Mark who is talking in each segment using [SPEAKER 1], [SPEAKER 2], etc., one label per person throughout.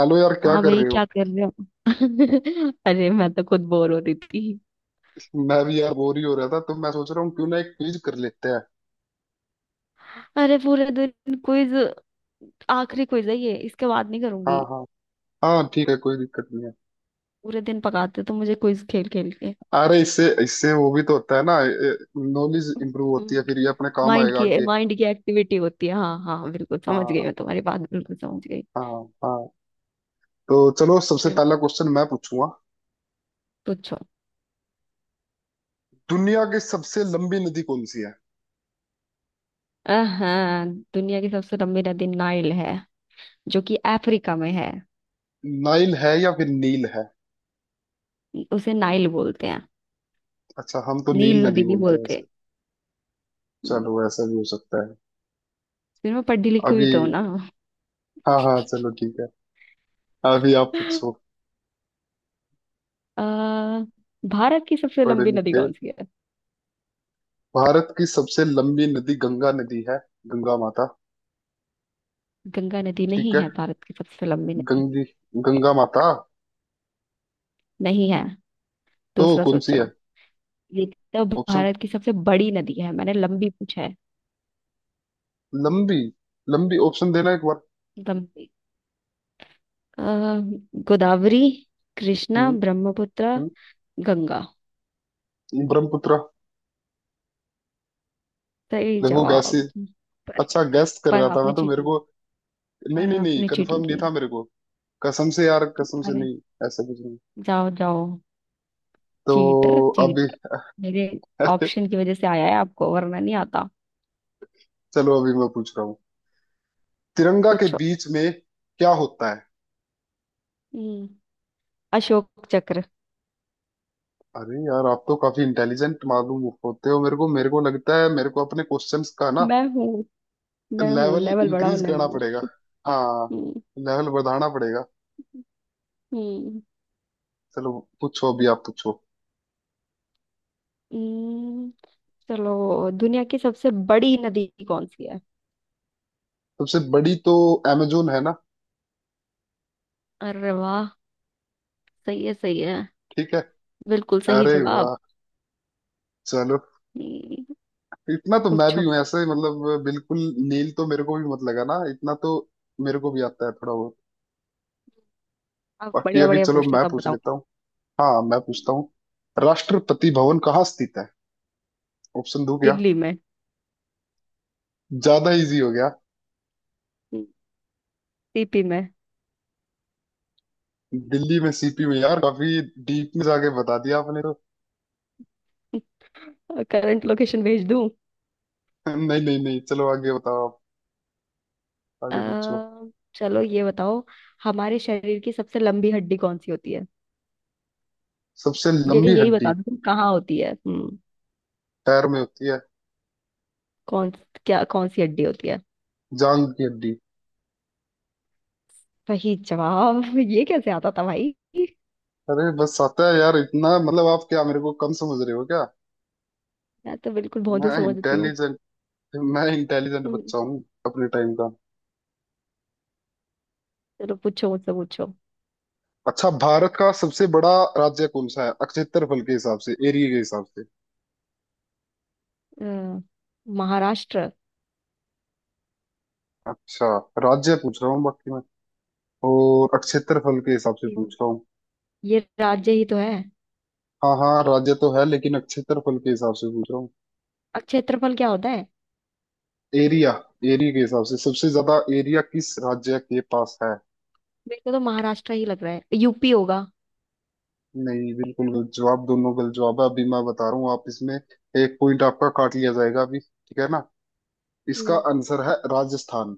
[SPEAKER 1] Hello यार, क्या
[SPEAKER 2] हाँ
[SPEAKER 1] कर
[SPEAKER 2] भाई,
[SPEAKER 1] रहे हो।
[SPEAKER 2] क्या कर रहे हो। अरे, मैं तो खुद बोर हो रही थी।
[SPEAKER 1] मैं भी यार बोर ही हो रहा था, तो मैं सोच रहा हूँ क्यों ना एक क्विज कर लेते हैं।
[SPEAKER 2] अरे, पूरे दिन क्विज। आखिरी क्विज है ये, इसके बाद नहीं करूंगी।
[SPEAKER 1] हाँ हाँ। हाँ ठीक है, कोई दिक्कत नहीं है।
[SPEAKER 2] पूरे दिन पकाते तो मुझे क्विज खेल खेल के।
[SPEAKER 1] अरे इससे इससे वो भी तो होता है ना। नॉलेज इंप्रूव होती है,
[SPEAKER 2] हम्म।
[SPEAKER 1] फिर ये अपने काम
[SPEAKER 2] माइंड
[SPEAKER 1] आएगा
[SPEAKER 2] की
[SPEAKER 1] आगे।
[SPEAKER 2] माइंड की एक्टिविटी होती है। हाँ हाँ, बिल्कुल समझ गई,
[SPEAKER 1] हाँ।
[SPEAKER 2] मैं तुम्हारी बात बिल्कुल समझ गई।
[SPEAKER 1] हाँ हाँ। तो चलो, सबसे
[SPEAKER 2] हम्म।
[SPEAKER 1] पहला क्वेश्चन मैं पूछूंगा।
[SPEAKER 2] पूछो।
[SPEAKER 1] दुनिया की सबसे लंबी नदी कौन सी है।
[SPEAKER 2] हाँ, दुनिया की सबसे लंबी नदी नाइल है, जो कि अफ्रीका में है।
[SPEAKER 1] नाइल है या फिर नील है।
[SPEAKER 2] उसे नाइल बोलते हैं।
[SPEAKER 1] अच्छा, हम तो
[SPEAKER 2] नील
[SPEAKER 1] नील नदी
[SPEAKER 2] नदी नहीं
[SPEAKER 1] बोलते हैं
[SPEAKER 2] बोलते।
[SPEAKER 1] ऐसे।
[SPEAKER 2] हम्म,
[SPEAKER 1] चलो, ऐसा भी हो सकता है।
[SPEAKER 2] फिर मैं पढ़ी लिखी हुई
[SPEAKER 1] अभी।
[SPEAKER 2] तो हूँ ना।
[SPEAKER 1] हाँ हाँ, चलो ठीक है। अभी आप पूछो।
[SPEAKER 2] अ, भारत की सबसे
[SPEAKER 1] पढ़े
[SPEAKER 2] लंबी नदी
[SPEAKER 1] लिखे।
[SPEAKER 2] कौन सी है?
[SPEAKER 1] भारत की सबसे लंबी नदी गंगा नदी है। गंगा माता।
[SPEAKER 2] गंगा नदी
[SPEAKER 1] ठीक
[SPEAKER 2] नहीं
[SPEAKER 1] है।
[SPEAKER 2] है भारत की सबसे लंबी नदी।
[SPEAKER 1] गंगी। गंगा माता।
[SPEAKER 2] नहीं है।
[SPEAKER 1] तो
[SPEAKER 2] दूसरा
[SPEAKER 1] कौन सी है।
[SPEAKER 2] सोचो। ये तो
[SPEAKER 1] ऑप्शन।
[SPEAKER 2] भारत की सबसे बड़ी नदी है, मैंने लंबी पूछा है।
[SPEAKER 1] लंबी। लंबी ऑप्शन देना एक बार।
[SPEAKER 2] लंबी। अ, गोदावरी, कृष्णा,
[SPEAKER 1] हम्म।
[SPEAKER 2] ब्रह्मपुत्र, गंगा।
[SPEAKER 1] हम्म, ब्रह्मपुत्र।
[SPEAKER 2] सही
[SPEAKER 1] देखो गैस।
[SPEAKER 2] जवाब। पर
[SPEAKER 1] अच्छा गैस कर
[SPEAKER 2] पर
[SPEAKER 1] रहा था मैं,
[SPEAKER 2] आपने
[SPEAKER 1] तो मेरे
[SPEAKER 2] चीटिंग,
[SPEAKER 1] को। नहीं
[SPEAKER 2] पर
[SPEAKER 1] नहीं नहीं,
[SPEAKER 2] आपने चीटिंग
[SPEAKER 1] कंफर्म नहीं
[SPEAKER 2] की।
[SPEAKER 1] था मेरे को। कसम से यार, कसम से
[SPEAKER 2] अरे,
[SPEAKER 1] नहीं। ऐसा कुछ नहीं।
[SPEAKER 2] जाओ जाओ,
[SPEAKER 1] तो
[SPEAKER 2] चीटर
[SPEAKER 1] अभी
[SPEAKER 2] चीटर। मेरे ऑप्शन की वजह से आया है आपको, वरना नहीं आता।
[SPEAKER 1] चलो, अभी मैं पूछ रहा हूँ। तिरंगा के
[SPEAKER 2] पूछो।
[SPEAKER 1] बीच में क्या होता है।
[SPEAKER 2] हम्म, अशोक चक्र।
[SPEAKER 1] अरे यार, आप तो काफी इंटेलिजेंट मालूम होते हो। मेरे को लगता है मेरे को अपने क्वेश्चंस का ना
[SPEAKER 2] मैं हूँ, मैं हूँ,
[SPEAKER 1] लेवल
[SPEAKER 2] लेवल बढ़ाओ,
[SPEAKER 1] इंक्रीज करना
[SPEAKER 2] लेवल।
[SPEAKER 1] पड़ेगा। हाँ।
[SPEAKER 2] हम्म।
[SPEAKER 1] लेवल बढ़ाना पड़ेगा।
[SPEAKER 2] हम्म।
[SPEAKER 1] चलो, पूछो, अभी आप पूछो।
[SPEAKER 2] हम्म, चलो, दुनिया की सबसे बड़ी नदी कौन सी है?
[SPEAKER 1] सबसे बड़ी तो अमेजोन है ना।
[SPEAKER 2] अरे वाह, सही है सही है।
[SPEAKER 1] ठीक है।
[SPEAKER 2] बिल्कुल सही
[SPEAKER 1] अरे
[SPEAKER 2] जवाब।
[SPEAKER 1] वाह, चलो।
[SPEAKER 2] हम्म,
[SPEAKER 1] इतना तो मैं
[SPEAKER 2] पूछो।
[SPEAKER 1] भी हूँ ऐसे, मतलब बिल्कुल। नील तो मेरे को भी मत लगा ना इतना तो। मेरे को भी आता है थोड़ा बहुत।
[SPEAKER 2] आप
[SPEAKER 1] बाकी
[SPEAKER 2] बढ़िया
[SPEAKER 1] अभी
[SPEAKER 2] बढ़िया
[SPEAKER 1] चलो
[SPEAKER 2] पूछते
[SPEAKER 1] मैं
[SPEAKER 2] हो तब
[SPEAKER 1] पूछ
[SPEAKER 2] बताओ।
[SPEAKER 1] लेता हूँ। हाँ, मैं पूछता हूँ। राष्ट्रपति भवन कहाँ स्थित है। ऑप्शन दो क्या।
[SPEAKER 2] दिल्ली में,
[SPEAKER 1] ज्यादा इजी हो गया।
[SPEAKER 2] सीपी में।
[SPEAKER 1] दिल्ली में, सीपी में, यार काफी डीप में जाके बता दिया आपने तो।
[SPEAKER 2] करंट लोकेशन भेज दूं?
[SPEAKER 1] नहीं नहीं नहीं, चलो आगे बताओ आप। आगे पूछो।
[SPEAKER 2] अ, चलो, ये बताओ। हमारे शरीर की सबसे लंबी हड्डी कौन सी होती है?
[SPEAKER 1] सबसे
[SPEAKER 2] ये
[SPEAKER 1] लंबी
[SPEAKER 2] यही
[SPEAKER 1] हड्डी
[SPEAKER 2] बता दो तुम, कहाँ होती है। हम्म।
[SPEAKER 1] पैर में होती है।
[SPEAKER 2] कौन? क्या कौन सी हड्डी होती है?
[SPEAKER 1] जांग की हड्डी।
[SPEAKER 2] सही जवाब। ये कैसे आता था भाई?
[SPEAKER 1] अरे बस आता है यार इतना। मतलब आप क्या मेरे को कम समझ रहे हो क्या।
[SPEAKER 2] मैं तो बिल्कुल बहुत
[SPEAKER 1] मैं
[SPEAKER 2] समझती हूँ।
[SPEAKER 1] इंटेलिजेंट। मैं इंटेलिजेंट
[SPEAKER 2] हम्म,
[SPEAKER 1] बच्चा हूँ अपने टाइम का।
[SPEAKER 2] चलो पूछो, मुझसे पूछो।
[SPEAKER 1] अच्छा, भारत का सबसे बड़ा राज्य कौन सा है क्षेत्रफल के हिसाब से, एरिया के हिसाब से।
[SPEAKER 2] अ, महाराष्ट्र।
[SPEAKER 1] अच्छा, राज्य पूछ रहा हूँ बाकी मैं, और क्षेत्रफल के हिसाब से
[SPEAKER 2] ये
[SPEAKER 1] पूछ रहा हूँ।
[SPEAKER 2] ये राज्य ही तो है।
[SPEAKER 1] हाँ हाँ, राज्य तो है, लेकिन क्षेत्रफल के हिसाब से पूछ रहा हूँ।
[SPEAKER 2] और क्षेत्रफल क्या होता है?
[SPEAKER 1] एरिया। एरिया के हिसाब से सबसे ज्यादा एरिया किस राज्य के पास है।
[SPEAKER 2] मेरे को तो महाराष्ट्र ही लग रहा है, यूपी होगा।
[SPEAKER 1] नहीं, बिल्कुल गलत जवाब, दोनों गलत जवाब है। अभी मैं बता रहा हूँ, आप इसमें एक पॉइंट आपका काट लिया जाएगा अभी, ठीक है ना। इसका
[SPEAKER 2] हम्म।
[SPEAKER 1] आंसर है राजस्थान।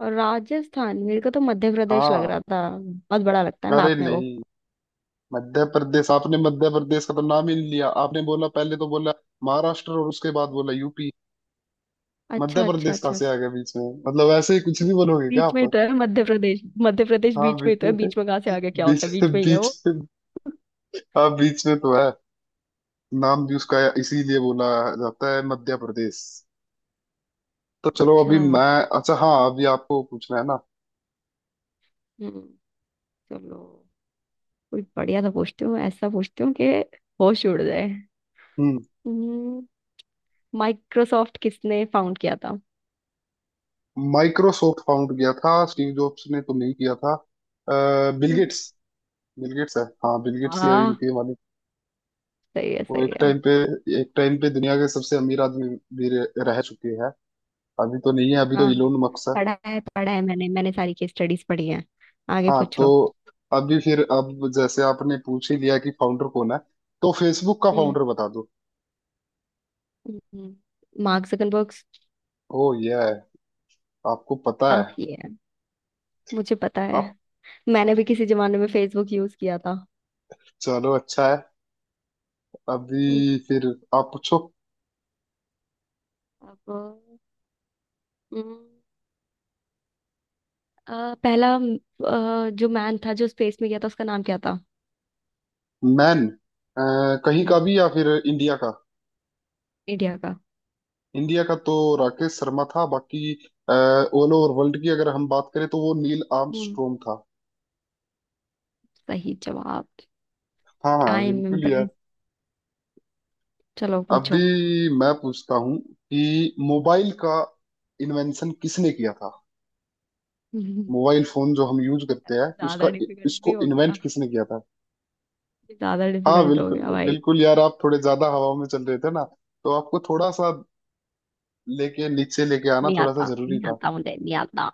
[SPEAKER 2] और राजस्थान, मेरे को तो मध्य प्रदेश लग
[SPEAKER 1] हाँ,
[SPEAKER 2] रहा था, बहुत बड़ा लगता है मैप
[SPEAKER 1] अरे
[SPEAKER 2] में वो।
[SPEAKER 1] नहीं। मध्य प्रदेश, आपने मध्य प्रदेश का तो नाम ही नहीं लिया। आपने बोला पहले तो बोला महाराष्ट्र, और उसके बाद बोला यूपी। मध्य
[SPEAKER 2] अच्छा, अच्छा,
[SPEAKER 1] प्रदेश कहाँ
[SPEAKER 2] अच्छा।
[SPEAKER 1] से आ गया बीच में। मतलब ऐसे ही कुछ भी बोलोगे क्या
[SPEAKER 2] बीच
[SPEAKER 1] आप।
[SPEAKER 2] में ही तो है मध्य प्रदेश, मध्य प्रदेश
[SPEAKER 1] हाँ
[SPEAKER 2] बीच में
[SPEAKER 1] बीच।
[SPEAKER 2] ही तो है, बीच में कहाँ से आगे? क्या
[SPEAKER 1] बीच।
[SPEAKER 2] होता है, बीच में ही है
[SPEAKER 1] बीच।
[SPEAKER 2] वो।
[SPEAKER 1] हाँ, बीच में तो है। नाम भी उसका इसीलिए बोला जाता है मध्य प्रदेश। तो चलो
[SPEAKER 2] अच्छा।
[SPEAKER 1] अभी मैं। अच्छा, हाँ अभी आपको पूछना है ना।
[SPEAKER 2] हम्म। चलो, कोई बढ़िया सा पूछती हूँ, ऐसा पूछती हूँ कि होश उड़ जाए।
[SPEAKER 1] हम्म।
[SPEAKER 2] हम्म, माइक्रोसॉफ्ट किसने फाउंड किया था?
[SPEAKER 1] माइक्रोसॉफ्ट फाउंड किया था स्टीव जॉब्स ने तो नहीं किया था। बिल
[SPEAKER 2] हम्म,
[SPEAKER 1] गेट्स। बिल गेट्स है, हाँ, बिल गेट्स ही है
[SPEAKER 2] वाह,
[SPEAKER 1] इनके मालिक।
[SPEAKER 2] सही है
[SPEAKER 1] वो
[SPEAKER 2] सही
[SPEAKER 1] एक
[SPEAKER 2] है।
[SPEAKER 1] टाइम पे, एक टाइम पे दुनिया के सबसे अमीर आदमी भी रह रह चुके हैं। अभी तो नहीं है, अभी तो
[SPEAKER 2] हाँ हाँ,
[SPEAKER 1] इलोन मस्क है।
[SPEAKER 2] पढ़ा है पढ़ा है, मैंने मैंने सारी केस स्टडीज पढ़ी है। आगे
[SPEAKER 1] हाँ। तो
[SPEAKER 2] पूछो।
[SPEAKER 1] अभी फिर अब जैसे आपने पूछ ही लिया कि फाउंडर कौन है, तो फेसबुक का फाउंडर बता दो।
[SPEAKER 2] हम्म, मार्क जकरबर्ग।
[SPEAKER 1] ओ, ये है। आपको पता है।
[SPEAKER 2] आह, ये है, मुझे पता है।
[SPEAKER 1] आप।
[SPEAKER 2] मैंने भी किसी जमाने में फेसबुक यूज किया था।
[SPEAKER 1] चलो अच्छा है।
[SPEAKER 2] हम्म,
[SPEAKER 1] अभी फिर आप पूछो।
[SPEAKER 2] अब। हम्म, पहला जो मैन था जो स्पेस में गया था उसका नाम क्या था?
[SPEAKER 1] मैन। अ, कहीं
[SPEAKER 2] हम्म,
[SPEAKER 1] का भी या फिर इंडिया का।
[SPEAKER 2] इंडिया का।
[SPEAKER 1] इंडिया का तो राकेश शर्मा था। बाकी ऑल ओवर वर्ल्ड की अगर हम बात करें, तो वो नील
[SPEAKER 2] हम्म,
[SPEAKER 1] आर्मस्ट्रॉन्ग था।
[SPEAKER 2] सही जवाब।
[SPEAKER 1] हाँ हाँ,
[SPEAKER 2] आई एम
[SPEAKER 1] बिल्कुल यार।
[SPEAKER 2] इम्प्रेस। चलो,
[SPEAKER 1] अभी
[SPEAKER 2] पूछो।
[SPEAKER 1] मैं पूछता हूँ कि मोबाइल का इन्वेंशन किसने किया था।
[SPEAKER 2] हम्म,
[SPEAKER 1] मोबाइल फोन जो हम यूज करते हैं
[SPEAKER 2] ये ज्यादा
[SPEAKER 1] उसका,
[SPEAKER 2] डिफिकल्ट भी
[SPEAKER 1] इसको
[SPEAKER 2] हो गया,
[SPEAKER 1] इन्वेंट किसने किया था।
[SPEAKER 2] ये ज्यादा
[SPEAKER 1] हाँ
[SPEAKER 2] डिफिकल्ट हो
[SPEAKER 1] बिल्कुल,
[SPEAKER 2] गया भाई।
[SPEAKER 1] बिल्कुल यार, आप थोड़े ज्यादा हवा में चल रहे थे ना, तो आपको थोड़ा सा लेके नीचे, लेके आना
[SPEAKER 2] नहीं
[SPEAKER 1] थोड़ा सा
[SPEAKER 2] आता,
[SPEAKER 1] जरूरी
[SPEAKER 2] नहीं
[SPEAKER 1] था।
[SPEAKER 2] आता, मुझे नहीं आता।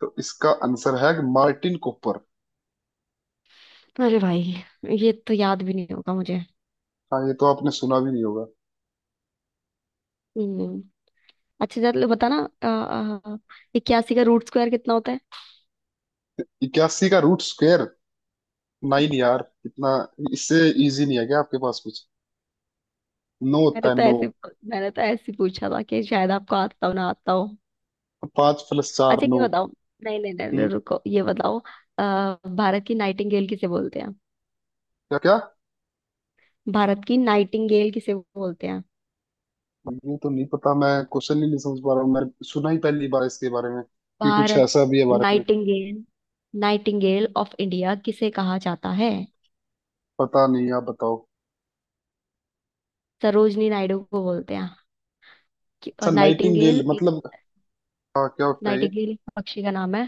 [SPEAKER 1] तो इसका आंसर है मार्टिन कूपर।
[SPEAKER 2] अरे भाई, ये तो याद भी नहीं होगा मुझे।
[SPEAKER 1] हाँ, ये तो आपने सुना भी नहीं होगा।
[SPEAKER 2] हम्म। अच्छा चलो, बताना। 81 का रूट स्क्वायर कितना होता है?
[SPEAKER 1] इक्यासी का रूट स्क्वायर नाइन यार, इतना। इससे इजी नहीं है क्या आपके पास कुछ। नौ होता
[SPEAKER 2] मैंने
[SPEAKER 1] है,
[SPEAKER 2] तो
[SPEAKER 1] नौ।
[SPEAKER 2] ऐसे मैंने तो ऐसे ही पूछा था कि शायद आपको आता हो ना आता हो।
[SPEAKER 1] पांच प्लस चार,
[SPEAKER 2] अच्छा,
[SPEAKER 1] नौ।
[SPEAKER 2] ये बताओ। नहीं नहीं नहीं, नहीं
[SPEAKER 1] हम्म।
[SPEAKER 2] रुको, ये बताओ। अ, भारत की नाइटिंगेल किसे बोलते हैं?
[SPEAKER 1] क्या क्या।
[SPEAKER 2] भारत की नाइटिंगेल किसे बोलते हैं?
[SPEAKER 1] ये तो नहीं पता, मैं क्वेश्चन ही नहीं समझ पा रहा हूँ। मैंने सुना ही पहली बार इसके बारे में कि कुछ
[SPEAKER 2] भारत
[SPEAKER 1] ऐसा भी है भारत में।
[SPEAKER 2] नाइटिंगेल नाइटिंगेल ऑफ इंडिया किसे कहा जाता है?
[SPEAKER 1] पता नहीं, आप बताओ।
[SPEAKER 2] सरोजनी नायडू को बोलते हैं।
[SPEAKER 1] अच्छा,
[SPEAKER 2] और
[SPEAKER 1] नाइटिंगेल
[SPEAKER 2] नाइटिंगेल एक,
[SPEAKER 1] मतलब हाँ, क्या होता है ये।
[SPEAKER 2] नाइटिंगेल एक पक्षी का नाम है,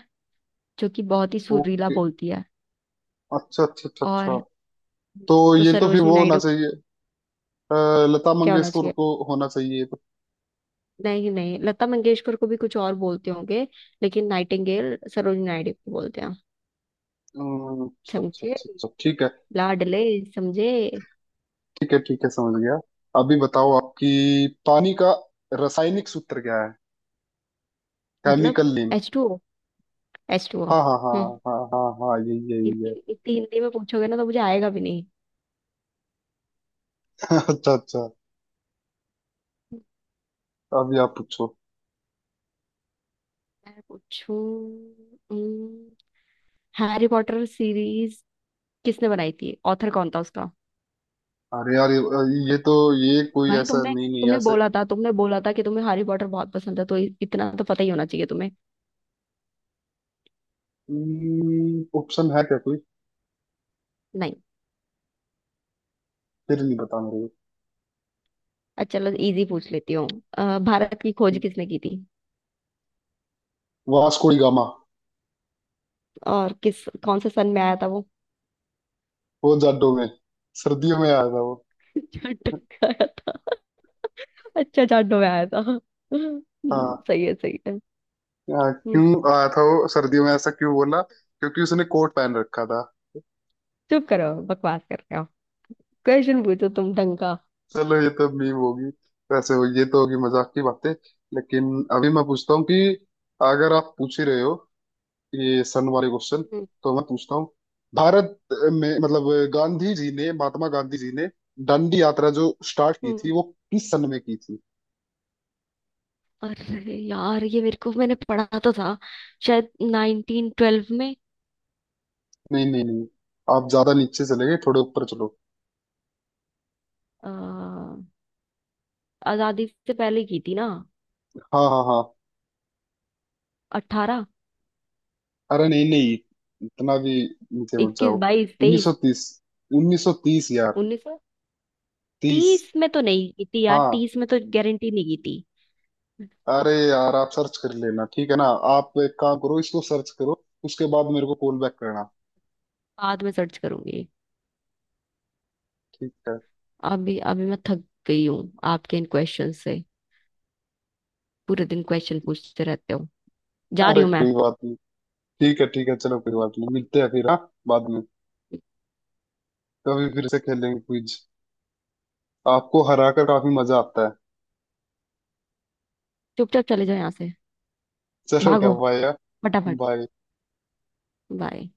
[SPEAKER 2] जो कि बहुत ही सुरीला
[SPEAKER 1] ओके,
[SPEAKER 2] बोलती है।
[SPEAKER 1] अच्छा अच्छा अच्छा अच्छा।
[SPEAKER 2] और,
[SPEAKER 1] तो
[SPEAKER 2] तो
[SPEAKER 1] ये तो फिर
[SPEAKER 2] सरोजनी
[SPEAKER 1] वो होना
[SPEAKER 2] नायडू।
[SPEAKER 1] चाहिए। अ, लता
[SPEAKER 2] क्या होना
[SPEAKER 1] मंगेशकर
[SPEAKER 2] चाहिए?
[SPEAKER 1] को होना चाहिए ये तो।
[SPEAKER 2] नहीं नहीं, लता मंगेशकर को भी कुछ और बोलते होंगे, लेकिन नाइटिंगेल सरोजनी नायडू को बोलते हैं।
[SPEAKER 1] अच्छा अच्छा
[SPEAKER 2] समझे,
[SPEAKER 1] अच्छा अच्छा, ठीक है।
[SPEAKER 2] लाडले? समझे?
[SPEAKER 1] ठीक है ठीक है, समझ गया। अभी बताओ आपकी। पानी का रासायनिक सूत्र क्या है।
[SPEAKER 2] मतलब,
[SPEAKER 1] chemical name.
[SPEAKER 2] H two O, H two O.
[SPEAKER 1] हाँ हाँ हाँ।
[SPEAKER 2] हम्म।
[SPEAKER 1] हाँ हाँ हाँ, यही यही
[SPEAKER 2] इतनी
[SPEAKER 1] है।
[SPEAKER 2] इतनी हिंदी में पूछोगे ना तो मुझे आएगा भी नहीं।
[SPEAKER 1] अच्छा अच्छा। अभी आप पूछो।
[SPEAKER 2] मैं पूछूं? हैरी पॉटर सीरीज किसने बनाई थी, ऑथर कौन था उसका?
[SPEAKER 1] अरे यार, ये तो, ये कोई
[SPEAKER 2] भाई
[SPEAKER 1] ऐसा
[SPEAKER 2] तुमने
[SPEAKER 1] नहीं, नहीं
[SPEAKER 2] तुमने
[SPEAKER 1] ऐसे।
[SPEAKER 2] बोला था, तुमने बोला था कि तुम्हें हैरी पॉटर बहुत पसंद है, तो इतना तो पता ही होना चाहिए तुम्हें।
[SPEAKER 1] ऑप्शन है क्या कोई।
[SPEAKER 2] नहीं।
[SPEAKER 1] फिर नहीं पता मेरे
[SPEAKER 2] अच्छा चलो, इजी पूछ लेती हूँ। भारत की खोज किसने की थी?
[SPEAKER 1] को। Vasco da Gama.
[SPEAKER 2] और किस कौन से सन में आया था वो?
[SPEAKER 1] वो जाडो में, सर्दियों में आया था वो।
[SPEAKER 2] जाट में आया था? अच्छा, जाटों में आया था।
[SPEAKER 1] हाँ।
[SPEAKER 2] सही है सही है।
[SPEAKER 1] हाँ,
[SPEAKER 2] हम्म,
[SPEAKER 1] क्यों आया था वो सर्दियों में, ऐसा क्यों बोला, क्योंकि उसने कोट पहन रखा था।
[SPEAKER 2] चुप करो, बकवास कर रहे हो। क्वेश्चन पूछो तुम ढंग का।
[SPEAKER 1] चलो, ये तो मीम होगी वैसे, हो ये तो होगी मजाक की बातें। लेकिन अभी मैं पूछता हूँ कि, अगर आप पूछ ही रहे हो ये सन वाले क्वेश्चन, तो मैं पूछता हूँ। भारत में मतलब गांधी जी ने, महात्मा गांधी जी ने दांडी यात्रा जो स्टार्ट की थी
[SPEAKER 2] हम्म।
[SPEAKER 1] वो किस सन में की थी।
[SPEAKER 2] अरे यार, ये मेरे को, मैंने पढ़ा तो था, शायद 1912 में।
[SPEAKER 1] नहीं नहीं नहीं, आप ज्यादा नीचे चले गए, थोड़े ऊपर चलो।
[SPEAKER 2] अ, आजादी से पहले की थी ना।
[SPEAKER 1] हाँ हाँ हाँ।
[SPEAKER 2] 18,
[SPEAKER 1] अरे नहीं नहीं, इतना भी नीचे मत
[SPEAKER 2] 21,
[SPEAKER 1] जाओ।
[SPEAKER 2] 22, 23।
[SPEAKER 1] 1930, 1930 यार।
[SPEAKER 2] उन्नीस
[SPEAKER 1] तीस।
[SPEAKER 2] तीस में तो नहीं की थी यार,
[SPEAKER 1] हाँ।
[SPEAKER 2] तीस में तो गारंटी नहीं की थी।
[SPEAKER 1] अरे यार, आप सर्च कर लेना, ठीक है ना। आप एक काम करो, इसको सर्च करो, उसके बाद मेरे को कॉल बैक करना।
[SPEAKER 2] बाद में सर्च करूंगी।
[SPEAKER 1] ठीक है।
[SPEAKER 2] अभी अभी मैं थक गई हूँ आपके इन क्वेश्चन से। पूरे दिन क्वेश्चन पूछते रहते हो। जा रही
[SPEAKER 1] अरे
[SPEAKER 2] हूँ मैं।
[SPEAKER 1] कोई बात नहीं। ठीक है ठीक है, चलो कोई बात नहीं, मिलते हैं फिर हाँ, बाद में कभी फिर से खेलेंगे क्विज। आपको हरा कर काफी मजा आता है।
[SPEAKER 2] चुपचाप चले जाओ यहाँ से।
[SPEAKER 1] चलो, क्या,
[SPEAKER 2] भागो
[SPEAKER 1] बाय यार।
[SPEAKER 2] फटाफट।
[SPEAKER 1] बाय।
[SPEAKER 2] बाय।